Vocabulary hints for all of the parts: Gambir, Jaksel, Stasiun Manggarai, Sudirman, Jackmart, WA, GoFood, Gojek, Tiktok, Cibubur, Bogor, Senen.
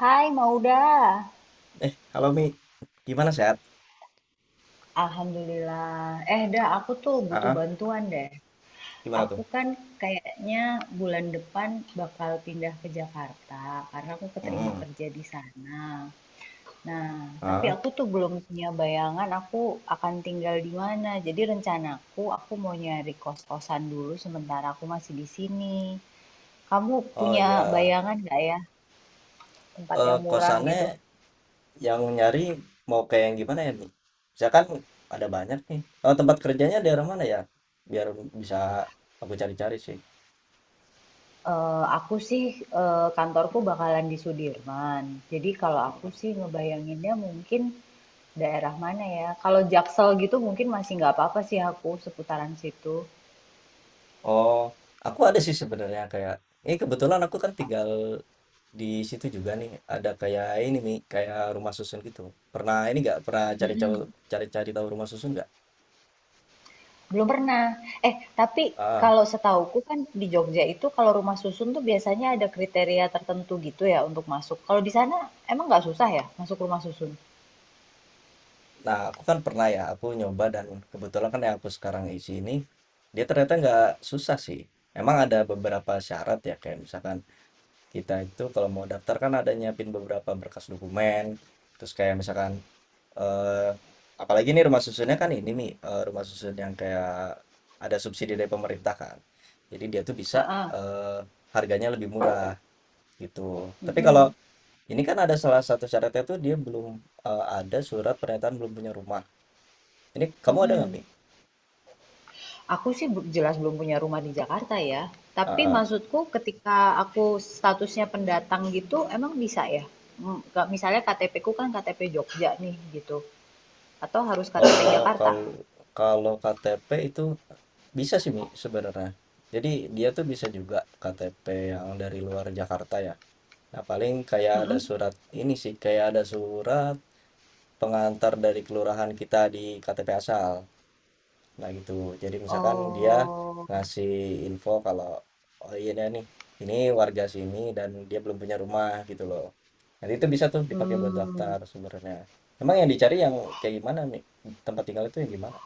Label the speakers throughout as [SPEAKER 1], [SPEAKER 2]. [SPEAKER 1] Hai Mauda,
[SPEAKER 2] Eh, halo Mi, gimana sehat?
[SPEAKER 1] Alhamdulillah. Eh dah, aku tuh butuh
[SPEAKER 2] Ah,
[SPEAKER 1] bantuan deh.
[SPEAKER 2] gimana
[SPEAKER 1] Aku
[SPEAKER 2] tuh?
[SPEAKER 1] kan kayaknya bulan depan bakal pindah ke Jakarta karena aku keterima
[SPEAKER 2] Mm.
[SPEAKER 1] kerja di sana. Nah, tapi
[SPEAKER 2] Ah,
[SPEAKER 1] aku tuh belum punya bayangan aku akan tinggal di mana. Jadi rencanaku aku mau nyari kos-kosan dulu sementara aku masih di sini. Kamu
[SPEAKER 2] oh
[SPEAKER 1] punya
[SPEAKER 2] ya,
[SPEAKER 1] bayangan nggak ya tempat yang murah
[SPEAKER 2] kosannya
[SPEAKER 1] gitu?
[SPEAKER 2] yang nyari mau kayak yang gimana ya Mi? Misalkan ada banyak nih. Oh, tempat kerjanya daerah mana ya? Biar bisa aku cari-cari sih.
[SPEAKER 1] Aku sih, kantorku bakalan di Sudirman. Jadi kalau aku
[SPEAKER 2] Mm.
[SPEAKER 1] sih ngebayanginnya mungkin daerah mana ya, kalau Jaksel gitu mungkin masih nggak apa-apa sih aku seputaran situ.
[SPEAKER 2] Oh, aku ada sih sebenarnya kayak, ini kebetulan aku kan tinggal di situ juga nih. Ada kayak ini Mi, kayak rumah susun gitu. Pernah ini nggak? Pernah
[SPEAKER 1] Mhm,
[SPEAKER 2] cari-cari tahu rumah susun nggak?
[SPEAKER 1] belum pernah. Eh, tapi
[SPEAKER 2] Ah.
[SPEAKER 1] kalau setauku kan di Jogja itu kalau rumah susun tuh biasanya ada kriteria tertentu gitu ya untuk masuk. Kalau di sana emang nggak susah ya masuk rumah susun?
[SPEAKER 2] Nah, aku kan pernah ya, aku nyoba dan kebetulan kan yang aku sekarang isi ini, dia ternyata nggak susah sih. Emang ada beberapa syarat ya, kayak misalkan kita itu kalau mau daftar kan ada nyiapin beberapa berkas dokumen, terus kayak misalkan, eh, apalagi nih rumah susunnya kan ini nih, rumah susun yang kayak ada subsidi dari pemerintah kan. Jadi dia tuh bisa
[SPEAKER 1] Heeh,
[SPEAKER 2] harganya lebih murah gitu. Tapi kalau
[SPEAKER 1] mhm,
[SPEAKER 2] ini kan ada salah satu syaratnya tuh dia belum ada surat pernyataan belum punya rumah. Ini kamu ada nggak,
[SPEAKER 1] mhm.
[SPEAKER 2] Mi?
[SPEAKER 1] Aku sih jelas belum punya rumah di Jakarta ya.
[SPEAKER 2] Ah,
[SPEAKER 1] Tapi
[SPEAKER 2] ah.
[SPEAKER 1] maksudku ketika aku statusnya pendatang gitu, emang bisa ya? Misalnya KTP ku kan KTP Jogja nih gitu. Atau harus KTP
[SPEAKER 2] Oh,
[SPEAKER 1] Jakarta?
[SPEAKER 2] kalau kalau KTP itu bisa sih, Mi, sebenarnya. Jadi dia tuh bisa juga KTP yang dari luar Jakarta ya. Nah, paling kayak ada
[SPEAKER 1] Mm-mm.
[SPEAKER 2] surat ini sih, kayak ada surat pengantar dari kelurahan kita di KTP asal. Nah gitu. Jadi misalkan dia
[SPEAKER 1] Oh,
[SPEAKER 2] ngasih info kalau, oh iya dah nih, ini warga sini dan dia belum punya rumah gitu loh. Nanti itu bisa tuh dipakai buat
[SPEAKER 1] hmm.
[SPEAKER 2] daftar sebenarnya. Emang yang dicari yang kayak gimana nih? Tempat tinggal itu yang gimana?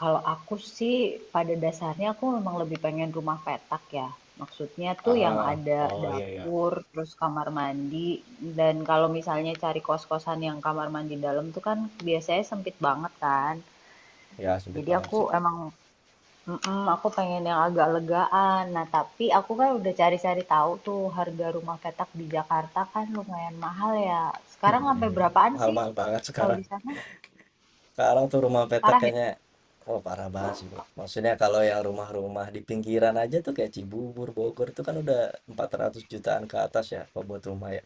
[SPEAKER 1] Kalau aku sih pada dasarnya aku memang lebih pengen rumah petak ya. Maksudnya tuh yang
[SPEAKER 2] Ah,
[SPEAKER 1] ada
[SPEAKER 2] oh iya iya.
[SPEAKER 1] dapur, terus kamar mandi, dan kalau misalnya cari kos-kosan yang kamar mandi dalam tuh kan biasanya sempit banget kan.
[SPEAKER 2] Ya sulit
[SPEAKER 1] Jadi
[SPEAKER 2] banget
[SPEAKER 1] aku
[SPEAKER 2] sih.
[SPEAKER 1] emang mhm, aku pengen yang agak legaan. Nah, tapi aku kan udah cari-cari tahu tuh harga rumah petak di Jakarta kan lumayan mahal ya. Sekarang sampai berapaan sih
[SPEAKER 2] Mahal-mahal banget
[SPEAKER 1] kalau
[SPEAKER 2] sekarang.
[SPEAKER 1] di sana?
[SPEAKER 2] Sekarang tuh rumah petak
[SPEAKER 1] Parah ya?
[SPEAKER 2] kayaknya, oh parah banget sih, Mi. Maksudnya kalau yang rumah-rumah di pinggiran aja tuh kayak Cibubur, Bogor itu kan udah 400 jutaan ke atas ya kalau buat rumah ya.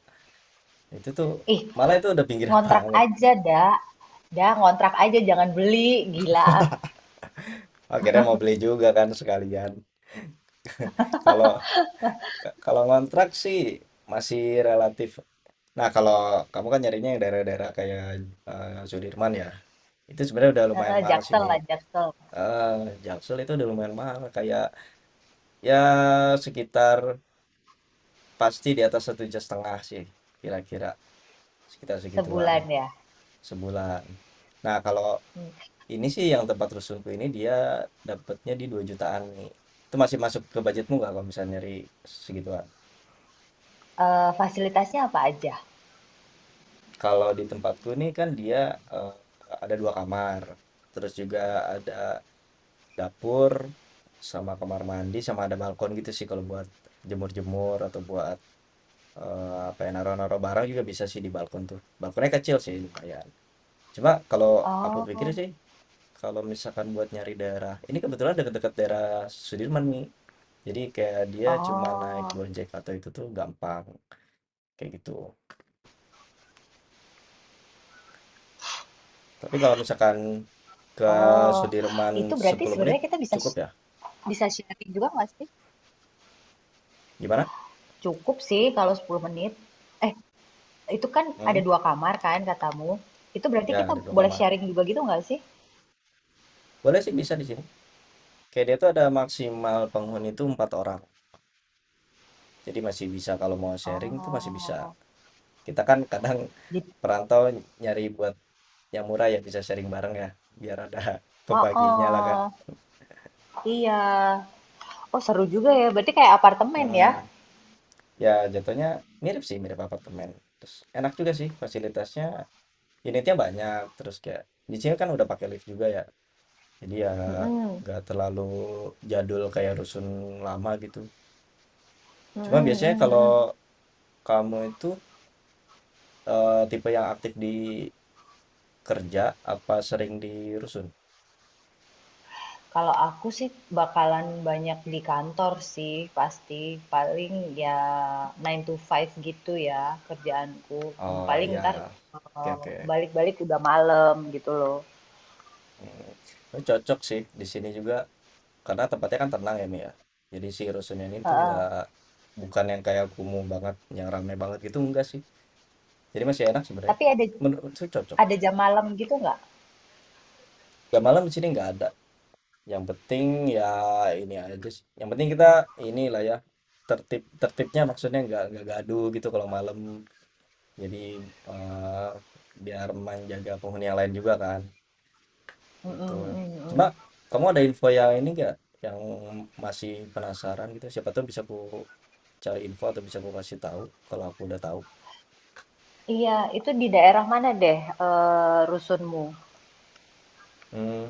[SPEAKER 2] Itu tuh
[SPEAKER 1] Ih,
[SPEAKER 2] malah itu udah pinggiran
[SPEAKER 1] ngontrak
[SPEAKER 2] banget.
[SPEAKER 1] aja dah. Dah, ngontrak aja jangan beli, gila.
[SPEAKER 2] Akhirnya mau beli juga kan sekalian. Kalau kalau ngontrak sih masih relatif. Nah, kalau kamu kan nyarinya yang daerah-daerah kayak Sudirman ya. Itu sebenarnya udah lumayan
[SPEAKER 1] Heeh,
[SPEAKER 2] mahal sih,
[SPEAKER 1] Jaksel
[SPEAKER 2] Mi.
[SPEAKER 1] lah, Jaksel.
[SPEAKER 2] Eh, Jaksel itu udah lumayan mahal kayak ya sekitar pasti di atas 1,5 juta sih kira-kira sekitar segituan
[SPEAKER 1] Sebulan ya.
[SPEAKER 2] sebulan. Nah, kalau
[SPEAKER 1] Hmm.
[SPEAKER 2] ini sih yang tempat rusunku ini dia dapatnya di 2 jutaan nih. Itu masih masuk ke budgetmu nggak kalau misalnya nyari segituan?
[SPEAKER 1] Eh, fasilitasnya apa aja?
[SPEAKER 2] Kalau di tempatku nih kan dia eh, ada dua kamar, terus juga ada dapur sama kamar mandi sama ada balkon gitu sih kalau buat jemur-jemur atau buat apa ya naro-naro barang juga bisa sih di balkon tuh. Balkonnya kecil sih lumayan. Cuma kalau aku pikir
[SPEAKER 1] Oh,
[SPEAKER 2] sih kalau misalkan buat nyari daerah, ini kebetulan dekat-dekat daerah Sudirman nih. Jadi kayak dia cuma
[SPEAKER 1] oh,
[SPEAKER 2] naik Gojek atau itu tuh gampang, kayak gitu. Tapi kalau misalkan ke
[SPEAKER 1] oh.
[SPEAKER 2] Sudirman
[SPEAKER 1] Itu berarti
[SPEAKER 2] 10 menit
[SPEAKER 1] sebenarnya kita bisa
[SPEAKER 2] cukup ya?
[SPEAKER 1] bisa sharing juga nggak sih?
[SPEAKER 2] Gimana?
[SPEAKER 1] Cukup sih kalau 10 menit. Eh, itu kan ada
[SPEAKER 2] Hmm?
[SPEAKER 1] dua kamar kan katamu. Itu berarti
[SPEAKER 2] Ya,
[SPEAKER 1] kita
[SPEAKER 2] ada dua
[SPEAKER 1] boleh
[SPEAKER 2] kamar.
[SPEAKER 1] sharing juga gitu nggak sih?
[SPEAKER 2] Boleh sih bisa di sini. Kayak dia tuh ada maksimal penghuni itu empat orang. Jadi masih bisa kalau mau sharing tuh masih bisa.
[SPEAKER 1] Oh,
[SPEAKER 2] Kita kan kadang
[SPEAKER 1] jadi,
[SPEAKER 2] perantau nyari buat yang murah ya bisa sharing bareng ya, biar ada
[SPEAKER 1] oh,
[SPEAKER 2] pembaginya lah kan.
[SPEAKER 1] oh, iya. Oh, seru juga ya. Berarti kayak apartemen ya?
[SPEAKER 2] Hmm. Ya, jatuhnya mirip sih, mirip apartemen. Terus enak juga sih fasilitasnya unitnya banyak terus kayak di sini kan udah pakai lift juga ya jadi ya
[SPEAKER 1] Mm-mm.
[SPEAKER 2] nggak terlalu jadul kayak rusun lama gitu cuma
[SPEAKER 1] Mm-mm,
[SPEAKER 2] biasanya kalau
[SPEAKER 1] mm-mm.
[SPEAKER 2] kamu itu tipe yang aktif di kerja apa sering di rusun.
[SPEAKER 1] Kalau aku sih bakalan banyak di kantor sih, pasti. Paling ya 9 to 5 gitu ya kerjaanku.
[SPEAKER 2] Oh
[SPEAKER 1] Paling
[SPEAKER 2] ya,
[SPEAKER 1] ntar
[SPEAKER 2] oke
[SPEAKER 1] eh,
[SPEAKER 2] oke.
[SPEAKER 1] balik-balik udah malam gitu loh.
[SPEAKER 2] Hmm, tapi cocok sih di sini juga karena tempatnya kan tenang ya Mi ya jadi si rusun ini tuh
[SPEAKER 1] Heeh.
[SPEAKER 2] nggak bukan yang kayak kumuh banget yang ramai banget gitu enggak sih jadi masih enak sebenarnya
[SPEAKER 1] Tapi ada
[SPEAKER 2] menurut saya cocok.
[SPEAKER 1] ada jam malam gitu nggak?
[SPEAKER 2] Gak malam di sini nggak ada. Yang penting ya ini aja sih, yang penting kita inilah ya, tertib tertibnya maksudnya nggak gaduh gitu kalau malam. Jadi, eee, biar menjaga penghuni yang lain juga kan, gitu.
[SPEAKER 1] Mm-mm,
[SPEAKER 2] Cuma
[SPEAKER 1] mm-mm.
[SPEAKER 2] kamu ada info yang ini nggak, yang masih penasaran gitu? Siapa tuh bisa ku cari info atau bisa ku kasih tahu kalau aku udah tahu.
[SPEAKER 1] Iya, itu di daerah mana deh rusunmu?
[SPEAKER 2] Hmm.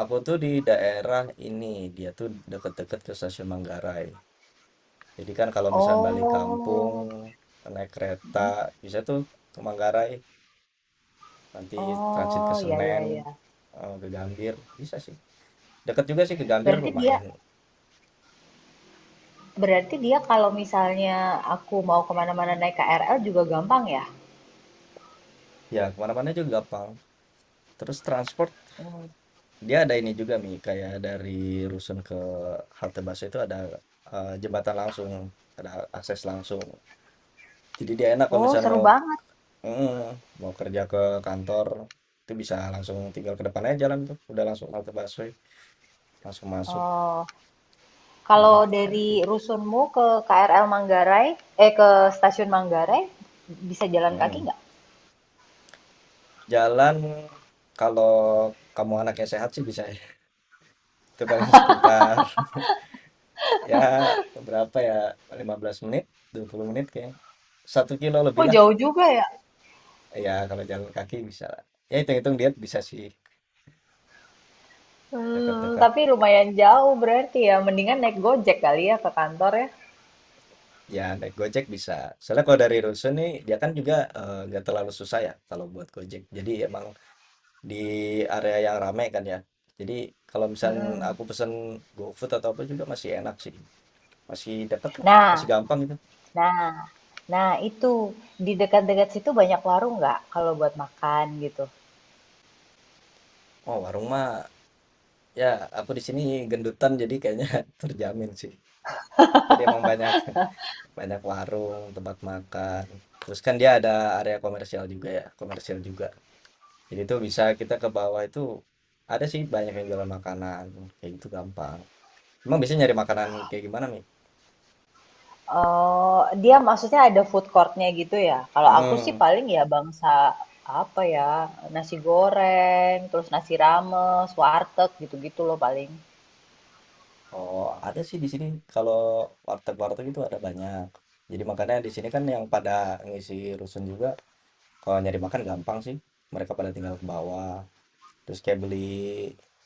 [SPEAKER 2] Aku tuh di daerah ini, dia tuh deket-deket ke Stasiun Manggarai. Jadi kan kalau misalnya balik kampung,
[SPEAKER 1] Oh,
[SPEAKER 2] naik kereta,
[SPEAKER 1] hmm.
[SPEAKER 2] bisa tuh ke Manggarai, nanti transit ke
[SPEAKER 1] Oh, ya ya
[SPEAKER 2] Senen,
[SPEAKER 1] ya.
[SPEAKER 2] eh, ke Gambir, bisa sih. Dekat juga sih ke Gambir
[SPEAKER 1] Berarti dia
[SPEAKER 2] lumayan.
[SPEAKER 1] berarti dia kalau misalnya aku mau kemana-mana naik KRL juga gampang ya?
[SPEAKER 2] Ya, kemana-mana juga gampang. Terus transport,
[SPEAKER 1] Mm.
[SPEAKER 2] dia ada ini juga Mi, kayak dari Rusun ke halte bus itu ada jembatan langsung, ada akses langsung. Jadi dia enak kalau
[SPEAKER 1] Oh,
[SPEAKER 2] misalnya
[SPEAKER 1] seru
[SPEAKER 2] mau
[SPEAKER 1] banget.
[SPEAKER 2] mm, mau kerja ke kantor, itu bisa langsung tinggal ke depan aja jalan tuh, udah langsung halte busway, langsung masuk.
[SPEAKER 1] Oh, kalau
[SPEAKER 2] Mhm, enak
[SPEAKER 1] dari
[SPEAKER 2] sih.
[SPEAKER 1] rusunmu ke KRL Manggarai, ke stasiun Manggarai bisa jalan kaki
[SPEAKER 2] Mhm.
[SPEAKER 1] nggak?
[SPEAKER 2] Jalan kalau kamu anaknya sehat sih bisa ya, itu paling sekitar ya berapa ya, 15 menit, 20 menit kayaknya. 1 kilo lebih
[SPEAKER 1] Oh
[SPEAKER 2] lah,
[SPEAKER 1] jauh juga ya.
[SPEAKER 2] ya kalau jalan kaki bisa lah. Ya hitung-hitung diet bisa sih, dekat-dekat,
[SPEAKER 1] Tapi lumayan jauh berarti ya, mendingan naik Gojek kali ya ke kantor ya?
[SPEAKER 2] ya naik Gojek bisa. Soalnya kalau dari rusun nih, dia kan juga, nggak terlalu susah ya kalau buat Gojek. Jadi emang di area yang ramai kan ya. Jadi kalau misal
[SPEAKER 1] Mhm.
[SPEAKER 2] aku pesen GoFood atau apa juga masih enak sih. Masih deket lah masih
[SPEAKER 1] Nah
[SPEAKER 2] gampang itu.
[SPEAKER 1] nah nah itu, di dekat-dekat situ banyak warung nggak kalau buat makan gitu?
[SPEAKER 2] Oh, warung mah ya aku di sini gendutan jadi kayaknya terjamin sih. Jadi emang banyak banyak warung, tempat makan. Terus kan dia ada area komersial juga ya, komersial juga. Jadi itu bisa kita ke bawah itu ada sih banyak yang jualan makanan kayak gitu gampang. Emang biasanya nyari makanan kayak gimana, Mi?
[SPEAKER 1] Oh, dia maksudnya ada food courtnya gitu ya? Kalau aku sih
[SPEAKER 2] Hmm.
[SPEAKER 1] paling ya bangsa, apa ya, nasi goreng, terus nasi rames, warteg, gitu-gitu loh paling.
[SPEAKER 2] Oh, ada sih di sini kalau warteg-warteg itu ada banyak. Jadi makanya di sini kan yang pada ngisi rusun juga. Kalau nyari makan gampang sih, mereka pada tinggal ke bawah, terus kayak beli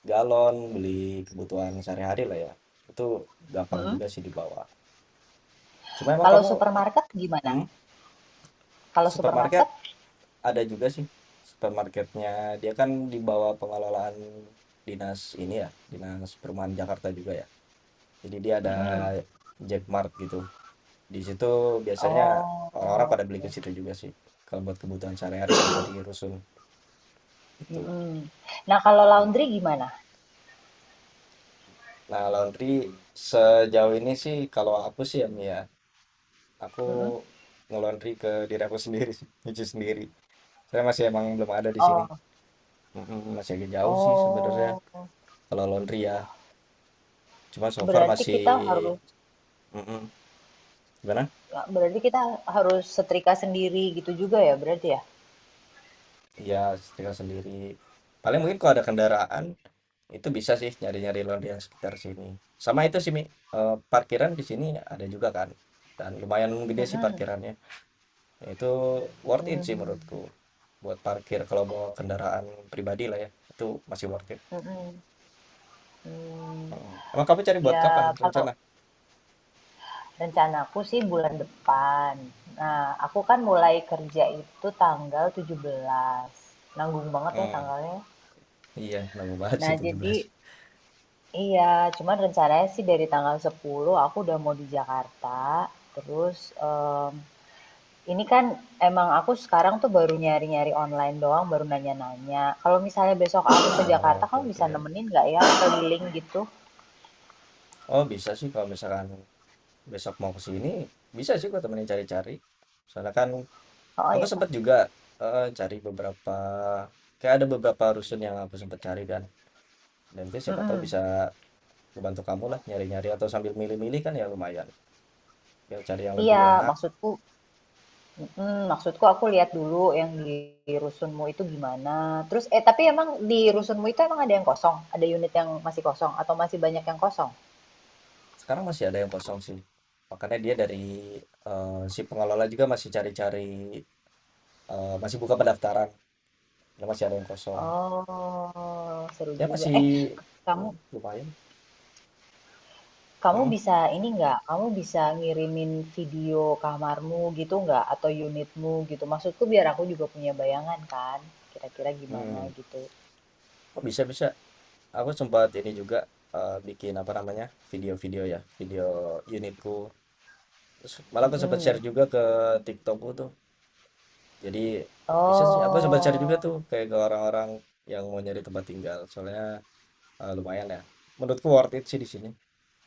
[SPEAKER 2] galon, beli kebutuhan sehari-hari lah ya, itu gampang
[SPEAKER 1] Mhm.
[SPEAKER 2] juga sih di bawah. Cuma emang
[SPEAKER 1] Kalau
[SPEAKER 2] kamu, eh,
[SPEAKER 1] supermarket gimana?
[SPEAKER 2] hmm,
[SPEAKER 1] Kalau
[SPEAKER 2] supermarket
[SPEAKER 1] supermarket?
[SPEAKER 2] ada juga sih, supermarketnya dia kan di bawah pengelolaan dinas ini ya, dinas perumahan Jakarta juga ya. Jadi dia ada
[SPEAKER 1] Mhm.
[SPEAKER 2] Jackmart gitu, di situ biasanya orang-orang
[SPEAKER 1] Oh.
[SPEAKER 2] pada beli ke situ juga sih, kalau buat kebutuhan sehari-hari ya dari rusun itu.
[SPEAKER 1] Mhm. Nah, kalau
[SPEAKER 2] Hmm.
[SPEAKER 1] laundry gimana?
[SPEAKER 2] Nah, laundry sejauh ini sih kalau aku sih ya Mia, aku
[SPEAKER 1] Mhm.
[SPEAKER 2] nge-laundry ke diri aku sendiri sih, nyuci sendiri. Saya masih emang belum ada di sini.
[SPEAKER 1] Oh
[SPEAKER 2] Mm-mm, masih agak jauh sih sebenarnya
[SPEAKER 1] oh,
[SPEAKER 2] kalau laundry ya. Cuma so far
[SPEAKER 1] berarti
[SPEAKER 2] masih
[SPEAKER 1] kita harus
[SPEAKER 2] mm-mm, gimana?
[SPEAKER 1] berarti kita setrika sendiri gitu juga ya berarti ya?
[SPEAKER 2] Ya setrika sendiri. Paling mungkin kalau ada kendaraan itu bisa sih nyari-nyari laundry yang sekitar sini. Sama itu sih Mi, eh, parkiran di sini ada juga kan. Dan lumayan gede sih
[SPEAKER 1] Mhm.
[SPEAKER 2] parkirannya. Itu worth it sih
[SPEAKER 1] Mmm,
[SPEAKER 2] menurutku. Buat parkir kalau bawa kendaraan pribadi lah ya, itu masih worth it,
[SPEAKER 1] mhm, mmm,
[SPEAKER 2] mhm. Emang kamu cari buat kapan
[SPEAKER 1] ya kalau
[SPEAKER 2] rencana?
[SPEAKER 1] rencanaku sih bulan depan. Nah, aku kan mulai kerja itu tanggal 17. Nanggung banget ya
[SPEAKER 2] Mmm,
[SPEAKER 1] tanggalnya.
[SPEAKER 2] iya nemu banget
[SPEAKER 1] Nah,
[SPEAKER 2] sih 17.
[SPEAKER 1] jadi iya, cuman rencananya sih dari tanggal 10 aku udah mau di Jakarta. Terus ini kan emang aku sekarang tuh baru nyari-nyari online doang, baru nanya-nanya. Kalau misalnya besok aku ke Jakarta,
[SPEAKER 2] Oke
[SPEAKER 1] kamu bisa
[SPEAKER 2] oke.
[SPEAKER 1] nemenin nggak ya keliling gitu?
[SPEAKER 2] Oh bisa sih kalau misalkan besok mau ke sini, bisa sih aku temenin cari-cari. Soalnya kan
[SPEAKER 1] Oh
[SPEAKER 2] aku
[SPEAKER 1] iya kan?
[SPEAKER 2] sempet juga heeh, cari beberapa kayak ada beberapa rusun yang aku sempet cari kan, dan itu siapa tahu
[SPEAKER 1] Mm-mm.
[SPEAKER 2] bisa ngebantu kamu lah nyari-nyari atau sambil milih-milih kan ya lumayan, biar cari yang lebih
[SPEAKER 1] Iya,
[SPEAKER 2] enak.
[SPEAKER 1] maksudku, mm-mm, maksudku aku lihat dulu yang di rusunmu itu gimana. Terus tapi emang di rusunmu itu emang ada yang kosong? Ada unit yang masih kosong atau masih banyak yang kosong?
[SPEAKER 2] Sekarang masih ada yang kosong sih. Makanya dia dari, si pengelola juga masih cari-cari, masih buka pendaftaran. Ya masih ada yang kosong.
[SPEAKER 1] Oh, seru
[SPEAKER 2] Ya
[SPEAKER 1] juga.
[SPEAKER 2] masih
[SPEAKER 1] Eh, Kamu
[SPEAKER 2] lumayan.
[SPEAKER 1] kamu
[SPEAKER 2] Hmm.
[SPEAKER 1] bisa ini nggak? Kamu bisa ngirimin video kamarmu gitu nggak? Atau unitmu gitu? Maksudku biar aku juga punya bayangan kan, kira-kira gimana
[SPEAKER 2] Mhm.
[SPEAKER 1] gitu.
[SPEAKER 2] Oh bisa bisa. Aku sempat ini juga, bikin apa namanya, video-video ya, video unitku. Terus malah aku sempat share
[SPEAKER 1] Mm-mm.
[SPEAKER 2] juga ke Tiktokku tuh. Jadi bisa sih, aku sempat share juga
[SPEAKER 1] Oh,
[SPEAKER 2] tuh kayak ke orang-orang yang mau nyari tempat tinggal. Soalnya, lumayan ya. Menurutku worth it sih di sini.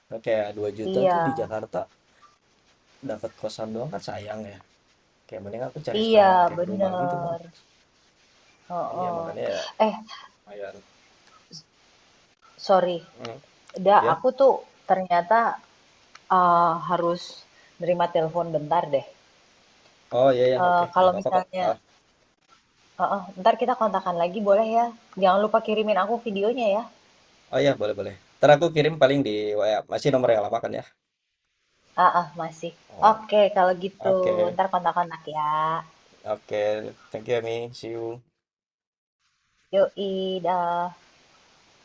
[SPEAKER 2] Kan kayak Rp2.000.000 tuh di
[SPEAKER 1] iya,
[SPEAKER 2] Jakarta dapat kosan doang kan sayang ya, kayak mending aku cari
[SPEAKER 1] iya
[SPEAKER 2] sekalian kayak rumah gitu kan.
[SPEAKER 1] bener.
[SPEAKER 2] Iya
[SPEAKER 1] Heeh.
[SPEAKER 2] makanya ya
[SPEAKER 1] Eh,
[SPEAKER 2] lumayan,
[SPEAKER 1] sorry,
[SPEAKER 2] mhm,
[SPEAKER 1] Da,
[SPEAKER 2] iya,
[SPEAKER 1] aku tuh ternyata eh, harus nerima telepon bentar deh.
[SPEAKER 2] oh iya iya oke
[SPEAKER 1] Eh,
[SPEAKER 2] nggak
[SPEAKER 1] kalau
[SPEAKER 2] apa-apa kok,
[SPEAKER 1] misalnya,
[SPEAKER 2] heeh,
[SPEAKER 1] heeh, ntar kita kontakkan lagi boleh ya? Jangan lupa kirimin aku videonya ya.
[SPEAKER 2] oh iya boleh boleh, entar aku kirim paling di WA, masih nomor yang lama kan ya?
[SPEAKER 1] Ah ah, masih.
[SPEAKER 2] Oh,
[SPEAKER 1] Oke, kalau gitu
[SPEAKER 2] oke
[SPEAKER 1] ntar kontak-kontak ya.
[SPEAKER 2] oke, thank you ya Mi, see you.
[SPEAKER 1] Yoi, dah.